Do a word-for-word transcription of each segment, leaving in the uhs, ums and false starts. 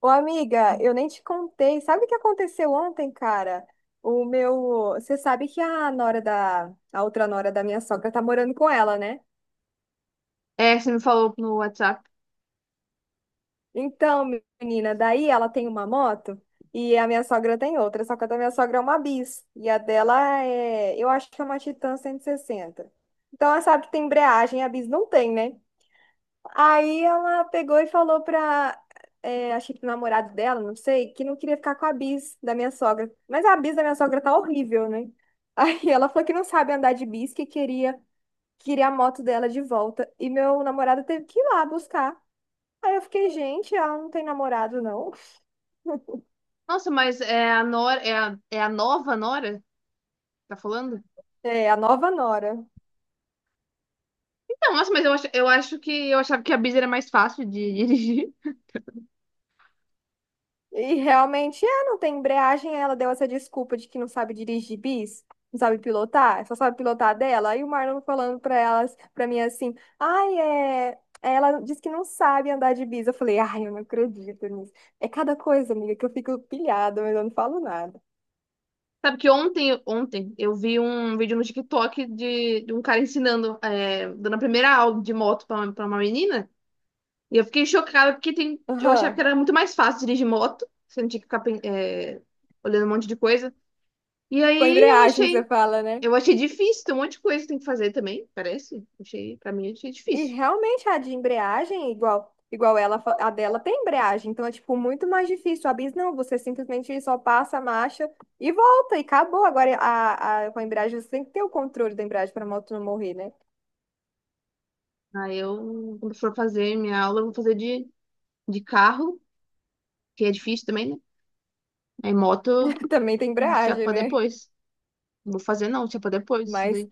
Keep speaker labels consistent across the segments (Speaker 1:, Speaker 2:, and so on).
Speaker 1: Ô, amiga, eu nem te contei. Sabe o que aconteceu ontem, cara? O meu. Você sabe que a nora da. A outra nora da minha sogra tá morando com ela, né?
Speaker 2: É, você me falou no WhatsApp.
Speaker 1: Então, menina, daí ela tem uma moto e a minha sogra tem outra. Só que a da minha sogra é uma bis. E a dela é. Eu acho que é uma Titan cento e sessenta. Então, ela sabe que tem embreagem, a bis não tem, né? Aí ela pegou e falou pra, é, acho que pro namorado dela, não sei, que não queria ficar com a bis da minha sogra. Mas a bis da minha sogra tá horrível, né? Aí ela falou que não sabe andar de bis, que queria, queria a moto dela de volta. E meu namorado teve que ir lá buscar. Aí eu fiquei, gente, ela não tem namorado, não.
Speaker 2: Nossa, mas é a Nora, é a, é a nova Nora? Que tá falando?
Speaker 1: É, a nova nora.
Speaker 2: Então, nossa, mas eu acho, eu acho que eu achava que a Biz era mais fácil de dirigir.
Speaker 1: E realmente é, não tem embreagem. Aí ela deu essa desculpa de que não sabe dirigir bis, não sabe pilotar, só sabe pilotar dela. Aí o Marlon falando pra elas, pra mim assim, ai, é. É, ela disse que não sabe andar de bis. Eu falei, ai, eu não acredito nisso. É cada coisa, amiga, que eu fico pilhada, mas eu não falo nada.
Speaker 2: Sabe que ontem, ontem eu vi um vídeo no TikTok de, de um cara ensinando, é, dando a primeira aula de moto pra, uma- pra uma menina. E eu fiquei chocada porque tem, eu achava
Speaker 1: Aham.
Speaker 2: que era muito mais fácil dirigir moto. Você não tinha que ficar, pen- é, olhando um monte de coisa. E
Speaker 1: Com a
Speaker 2: aí eu
Speaker 1: embreagem que você
Speaker 2: achei,
Speaker 1: fala, né?
Speaker 2: eu achei difícil, tem um monte de coisa que tem que fazer também, parece. Achei, pra mim, achei
Speaker 1: E
Speaker 2: difícil.
Speaker 1: realmente a de embreagem, igual, igual ela, fa- a dela tem embreagem, então é tipo muito mais difícil. A bis não, você simplesmente só passa a marcha e volta e acabou. Agora a, a, com a embreagem você tem que ter o controle da embreagem para a moto não morrer, né?
Speaker 2: Aí eu, quando for fazer minha aula, eu vou fazer de, de carro, que é difícil também, né? Aí moto,
Speaker 1: Também tem
Speaker 2: hum, se é
Speaker 1: embreagem,
Speaker 2: pra
Speaker 1: né?
Speaker 2: depois. Não vou fazer não, se é pra depois. Isso
Speaker 1: Mas
Speaker 2: daí.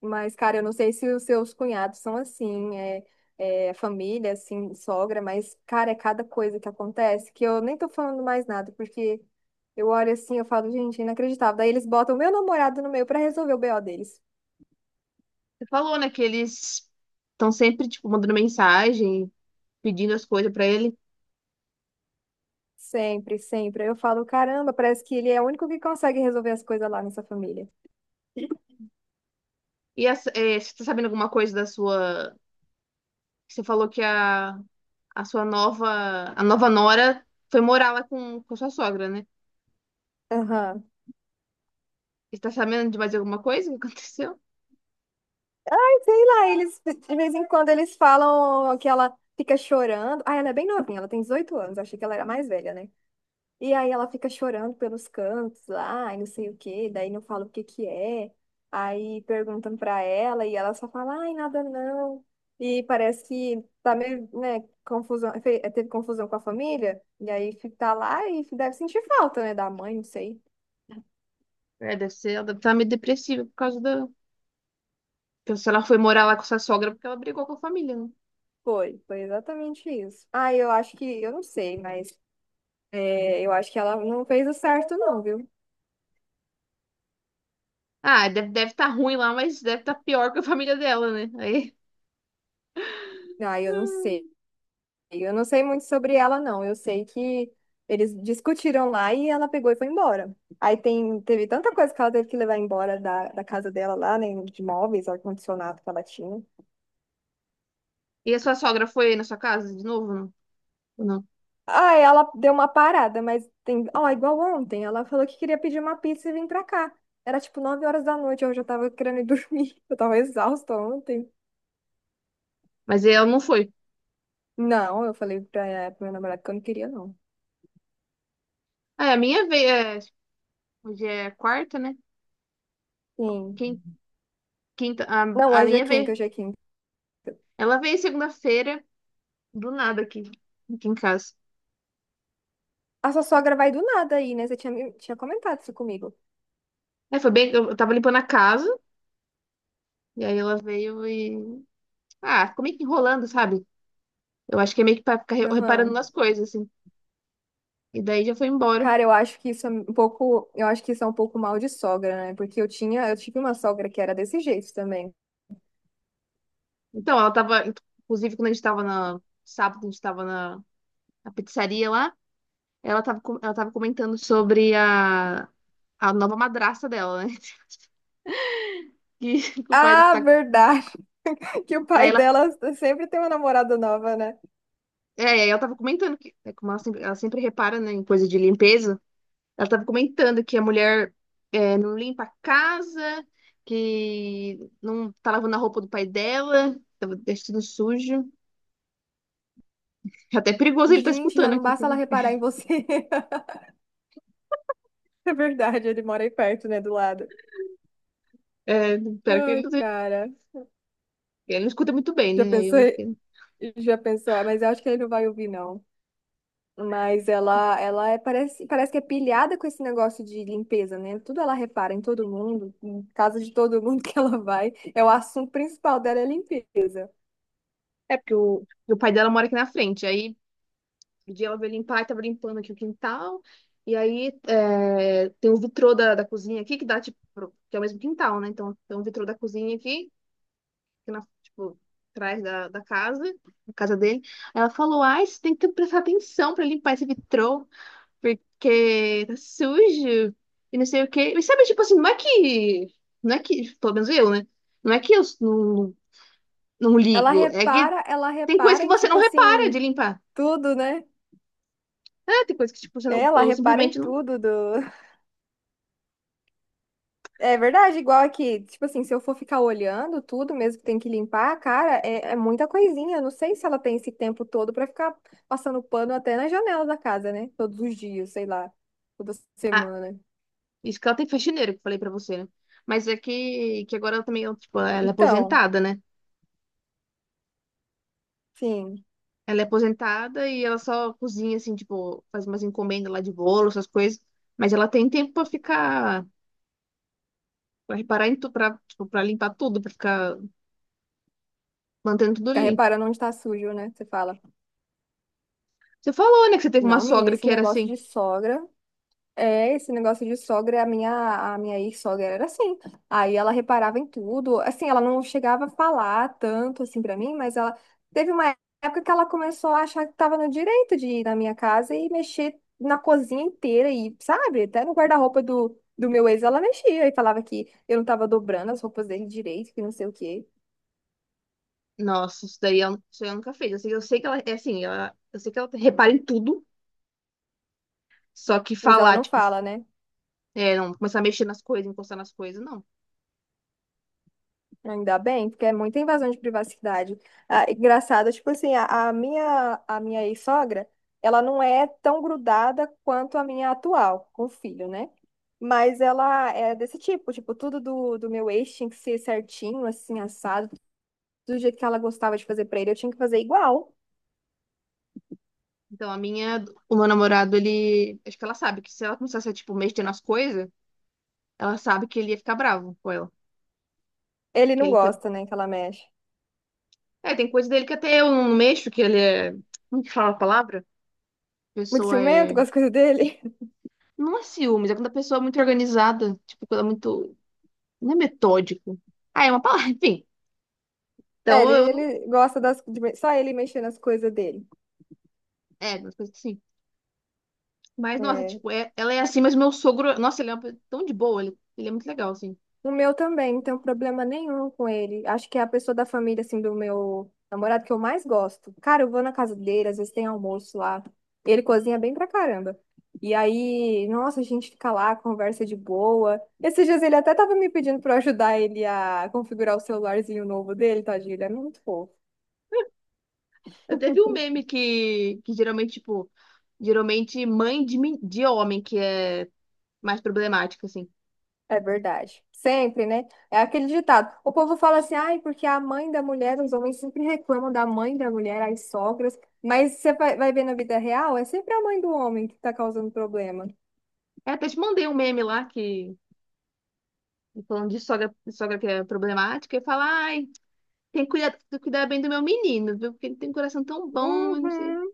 Speaker 1: Mas, cara, eu não sei se os seus cunhados são assim, é, é, família, assim, sogra, mas, cara, é cada coisa que acontece que eu nem tô falando mais nada, porque eu olho assim, eu falo, gente, é inacreditável. Daí eles botam o meu namorado no meio pra resolver o B O deles.
Speaker 2: Você falou, né, que eles estão sempre, tipo, mandando mensagem, pedindo as coisas pra ele.
Speaker 1: Sempre, sempre. Eu falo, caramba, parece que ele é o único que consegue resolver as coisas lá nessa família.
Speaker 2: E essa- é, você tá sabendo alguma coisa da sua... Você falou que a, a sua nova... A nova nora foi morar lá com, com a sua sogra, né?
Speaker 1: Aham.
Speaker 2: Você tá sabendo de mais alguma coisa que aconteceu?
Speaker 1: Sei lá, eles, de vez em quando, eles falam que ela fica chorando. Ah, ela é bem novinha, ela tem dezoito anos, achei que ela era mais velha, né? E aí ela fica chorando pelos cantos lá, e não sei o quê, daí não fala o que que é. Aí perguntam pra ela e ela só fala, ai, nada não. E parece que tá meio, né, confusão, fe- teve confusão com a família, e aí fi- tá lá e deve sentir falta, né, da mãe, não sei.
Speaker 2: É, deve ser, ela deve estar meio depressiva por causa da. Então, se ela foi morar lá com sua sogra porque ela brigou com a família, né?
Speaker 1: Foi, foi exatamente isso. Ah, eu acho que, eu não sei, mas é, eu acho que ela não fez o certo não, viu?
Speaker 2: Ah, deve deve tá ruim lá, mas deve estar pior que a família dela, né? Aí.
Speaker 1: Ah, eu não sei.
Speaker 2: Hum.
Speaker 1: Eu não sei muito sobre ela, não. Eu sei que eles discutiram lá e ela pegou e foi embora. Aí tem, teve tanta coisa que ela teve que levar embora da, da casa dela lá, né? De móveis, ar-condicionado que ela tinha.
Speaker 2: E a sua sogra foi na sua casa de novo? Não. Ou não?
Speaker 1: Ah, ela deu uma parada, mas tem. Ó, igual ontem, ela falou que queria pedir uma pizza e vir pra cá. Era tipo nove horas da noite, eu já tava querendo ir dormir. Eu tava exausta ontem.
Speaker 2: Mas ela não foi.
Speaker 1: Não, eu falei pra, eh, pro meu namorado que eu não queria, não.
Speaker 2: Ah, é, a minha veio. é, Hoje é quarta, né? Quin-
Speaker 1: Sim.
Speaker 2: Quinta.
Speaker 1: Não,
Speaker 2: A, a
Speaker 1: hoje é
Speaker 2: minha
Speaker 1: quinta,
Speaker 2: veio.
Speaker 1: hoje é quinta.
Speaker 2: Ela veio segunda-feira, do nada aqui, aqui em casa.
Speaker 1: A sua sogra vai do nada aí, né? Você tinha, me- tinha comentado isso comigo.
Speaker 2: É, foi bem. Eu tava limpando a casa, e aí ela veio e. Ah, ficou meio que enrolando, sabe? Eu acho que é meio que pra ficar re- reparando
Speaker 1: Aham.
Speaker 2: nas coisas, assim. E daí já foi embora.
Speaker 1: Cara, eu acho que isso é um pouco, eu acho que isso é um pouco mal de sogra, né? Porque eu tinha, eu tive uma sogra que era desse jeito também.
Speaker 2: Então, ela tava, inclusive, quando a gente tava na, sábado, a gente tava na, na pizzaria lá, ela tava, com- ela tava comentando sobre a, a nova madrasta dela, né? Que, que o pai que
Speaker 1: Ah,
Speaker 2: tá.
Speaker 1: verdade, que o
Speaker 2: Aí
Speaker 1: pai
Speaker 2: ela,
Speaker 1: dela sempre tem uma namorada nova, né?
Speaker 2: é, aí ela tava comentando que, é, como ela sempre, ela sempre repara, né, em coisa de limpeza, ela tava comentando que a mulher é, não limpa a casa, que não tá lavando a roupa do pai dela, tava deixando sujo. É até perigoso ele tá
Speaker 1: Gente, já
Speaker 2: escutando
Speaker 1: não
Speaker 2: aqui.
Speaker 1: basta ela reparar em você. É verdade, ele mora aí perto, né, do lado.
Speaker 2: É, espero que ele
Speaker 1: Ai,
Speaker 2: não
Speaker 1: cara.
Speaker 2: ele não escuta muito bem,
Speaker 1: Já
Speaker 2: né? Aí eu
Speaker 1: pensou?
Speaker 2: acho que.
Speaker 1: Já pensou? Ah, mas eu acho que ele não vai ouvir, não. Mas ela, ela é, parece, parece que é pilhada com esse negócio de limpeza, né? Tudo ela repara em todo mundo, em casa de todo mundo que ela vai. É o assunto principal dela é limpeza.
Speaker 2: É, porque o, o pai dela mora aqui na frente. Aí, um dia ela veio limpar e tava limpando aqui o quintal. E aí, é, tem um vitrô da, da cozinha aqui que dá, tipo, pro- que é o mesmo quintal, né? Então, tem um vitrô da cozinha aqui, que na, tipo, atrás da, da casa, da casa dele. Aí ela falou, ai, você tem que prestar atenção pra limpar esse vitrô, porque tá sujo e não sei o quê. E sabe, tipo assim, não é que... Não é que, pelo menos eu, né? Não é que eu não, não
Speaker 1: Ela
Speaker 2: ligo, é que
Speaker 1: repara, ela
Speaker 2: tem coisa
Speaker 1: repara
Speaker 2: que
Speaker 1: em
Speaker 2: você
Speaker 1: tipo
Speaker 2: não repara de
Speaker 1: assim,
Speaker 2: limpar.
Speaker 1: tudo, né?
Speaker 2: É, tem coisa que, tipo, você
Speaker 1: É,
Speaker 2: não,
Speaker 1: ela
Speaker 2: eu
Speaker 1: repara em
Speaker 2: simplesmente não.
Speaker 1: tudo do. É verdade, igual aqui. Tipo assim, se eu for ficar olhando tudo mesmo que tem que limpar, cara, é, é muita coisinha. Eu não sei se ela tem esse tempo todo pra ficar passando pano até na janela da casa, né? Todos os dias, sei lá, toda
Speaker 2: Ah,
Speaker 1: semana.
Speaker 2: isso que ela tem faxineira, que eu falei pra você, né? Mas é que, que agora ela também, ó, tipo, ela é
Speaker 1: Então,
Speaker 2: aposentada, né?
Speaker 1: sim,
Speaker 2: Ela é aposentada e ela só cozinha, assim, tipo, faz umas encomendas lá de bolo, essas coisas. Mas ela tem tempo pra ficar, pra reparar em tudo, pra, tipo, pra limpar tudo, pra ficar mantendo tudo
Speaker 1: fica
Speaker 2: limpo.
Speaker 1: reparando onde tá sujo, né? Você fala,
Speaker 2: Você falou, né, que você teve uma
Speaker 1: não, menina,
Speaker 2: sogra
Speaker 1: esse
Speaker 2: que era
Speaker 1: negócio
Speaker 2: assim.
Speaker 1: de sogra, é, esse negócio de sogra, a minha, a minha ex-sogra era assim. Aí ela reparava em tudo, assim, ela não chegava a falar tanto, assim, pra mim, mas ela teve uma época que ela começou a achar que tava no direito de ir na minha casa e mexer na cozinha inteira e, sabe, até no guarda-roupa do, do meu ex ela mexia e falava que eu não tava dobrando as roupas dele direito, que não sei o quê.
Speaker 2: Nossa, isso daí eu, isso daí eu nunca fiz. Eu sei, eu sei que ela é assim, ela, eu sei que ela repara em tudo, só que
Speaker 1: Mas ela
Speaker 2: falar,
Speaker 1: não
Speaker 2: tipo,
Speaker 1: fala, né?
Speaker 2: é, não começar a mexer nas coisas, encostar nas coisas, não.
Speaker 1: Ainda bem, porque é muita invasão de privacidade. Ah, engraçado, tipo assim, a, a minha, a minha ex-sogra, ela não é tão grudada quanto a minha atual, com o filho, né? Mas ela é desse tipo, tipo, tudo do, do meu ex tinha que ser certinho, assim, assado, do jeito que ela gostava de fazer pra ele, eu tinha que fazer igual.
Speaker 2: Então, a minha, o meu namorado, ele. Acho que ela sabe que se ela começasse a, tipo, mexer nas coisas, ela sabe que ele ia ficar bravo com ela.
Speaker 1: Ele
Speaker 2: Que
Speaker 1: não
Speaker 2: ele te-
Speaker 1: gosta, né, que ela mexe.
Speaker 2: É, tem coisa dele que até eu não mexo, que ele é. Como que fala a palavra? A
Speaker 1: Muito
Speaker 2: pessoa
Speaker 1: ciumento
Speaker 2: é.
Speaker 1: com as coisas dele.
Speaker 2: Não é ciúmes, é quando a pessoa é muito organizada. Tipo, quando é muito. Não é metódico. Ah, é uma palavra, enfim.
Speaker 1: É,
Speaker 2: Então
Speaker 1: ele,
Speaker 2: eu não.
Speaker 1: ele gosta das, de me- só ele mexer nas coisas dele.
Speaker 2: É, umas coisas assim. Mas, nossa,
Speaker 1: É,
Speaker 2: tipo, é... ela é assim, mas meu sogro. Nossa, ele é uma... pessoa tão de boa, ele... ele é muito legal, assim.
Speaker 1: o meu também, não tenho problema nenhum com ele. Acho que é a pessoa da família, assim, do meu namorado que eu mais gosto. Cara, eu vou na casa dele, às vezes tem almoço lá. Ele cozinha bem pra caramba. E aí, nossa, a gente fica lá, conversa de boa. Esses dias ele até tava me pedindo pra eu ajudar ele a configurar o celularzinho novo dele, tadinho, ele é muito fofo.
Speaker 2: Eu teve um meme que, que geralmente, tipo, geralmente mãe de, men- de homem que é mais problemático, assim.
Speaker 1: É verdade. Sempre, né? É aquele ditado. O povo fala assim, ai, porque a mãe da mulher, os homens sempre reclamam da mãe da mulher, as sogras, mas você vai vai ver na vida real, é sempre a mãe do homem que tá causando problema.
Speaker 2: Eu até te mandei um meme lá que, falando de sogra, de sogra que é problemática, e fala, ai, tem que cuidar, tem que cuidar bem do meu menino, viu? Porque ele tem um coração tão bom, eu não sei.
Speaker 1: Uhum.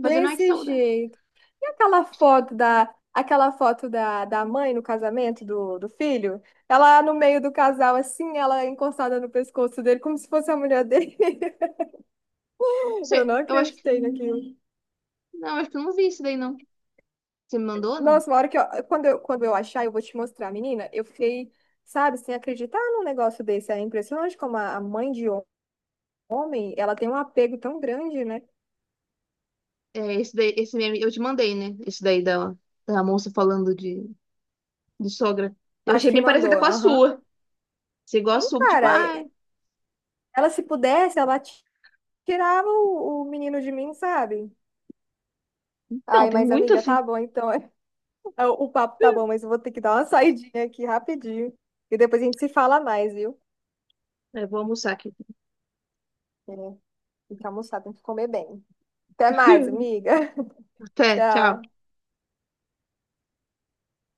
Speaker 2: Fazendo, ai, que saudade.
Speaker 1: jeito. E aquela foto da, aquela foto da, da mãe no casamento do, do filho? Ela no meio do casal, assim, ela encostada no pescoço dele, como se fosse a mulher dele. Eu
Speaker 2: Você-
Speaker 1: não
Speaker 2: Eu acho que,
Speaker 1: acreditei naquilo.
Speaker 2: não, acho que eu não vi isso daí, não. Você me mandou, não?
Speaker 1: Nossa, uma hora que eu, quando eu, quando eu achar, eu vou te mostrar, menina. Eu fiquei, sabe, sem acreditar num negócio desse. É impressionante como a a mãe de hom- homem, ela tem um apego tão grande, né?
Speaker 2: É, esse daí, esse meme, eu te mandei, né? Esse daí da, da moça falando de, de sogra. Eu
Speaker 1: Acho
Speaker 2: achei
Speaker 1: que
Speaker 2: bem
Speaker 1: mandou,
Speaker 2: parecida com a
Speaker 1: aham.
Speaker 2: sua. Você igual a
Speaker 1: Sim,
Speaker 2: sua, tipo,
Speaker 1: cara,
Speaker 2: ah.
Speaker 1: e- ela se pudesse, ela ti- tirava o, o menino de mim, sabe?
Speaker 2: Então,
Speaker 1: Ai,
Speaker 2: tem
Speaker 1: mas
Speaker 2: muito
Speaker 1: amiga, tá
Speaker 2: assim.
Speaker 1: bom, então. O o papo tá bom, mas eu vou ter que dar uma saidinha aqui rapidinho. E depois a gente se fala mais, viu?
Speaker 2: Eu vou almoçar aqui.
Speaker 1: É, tem que almoçar, tem que comer bem. Até mais, amiga.
Speaker 2: Até, tchau.
Speaker 1: Tchau.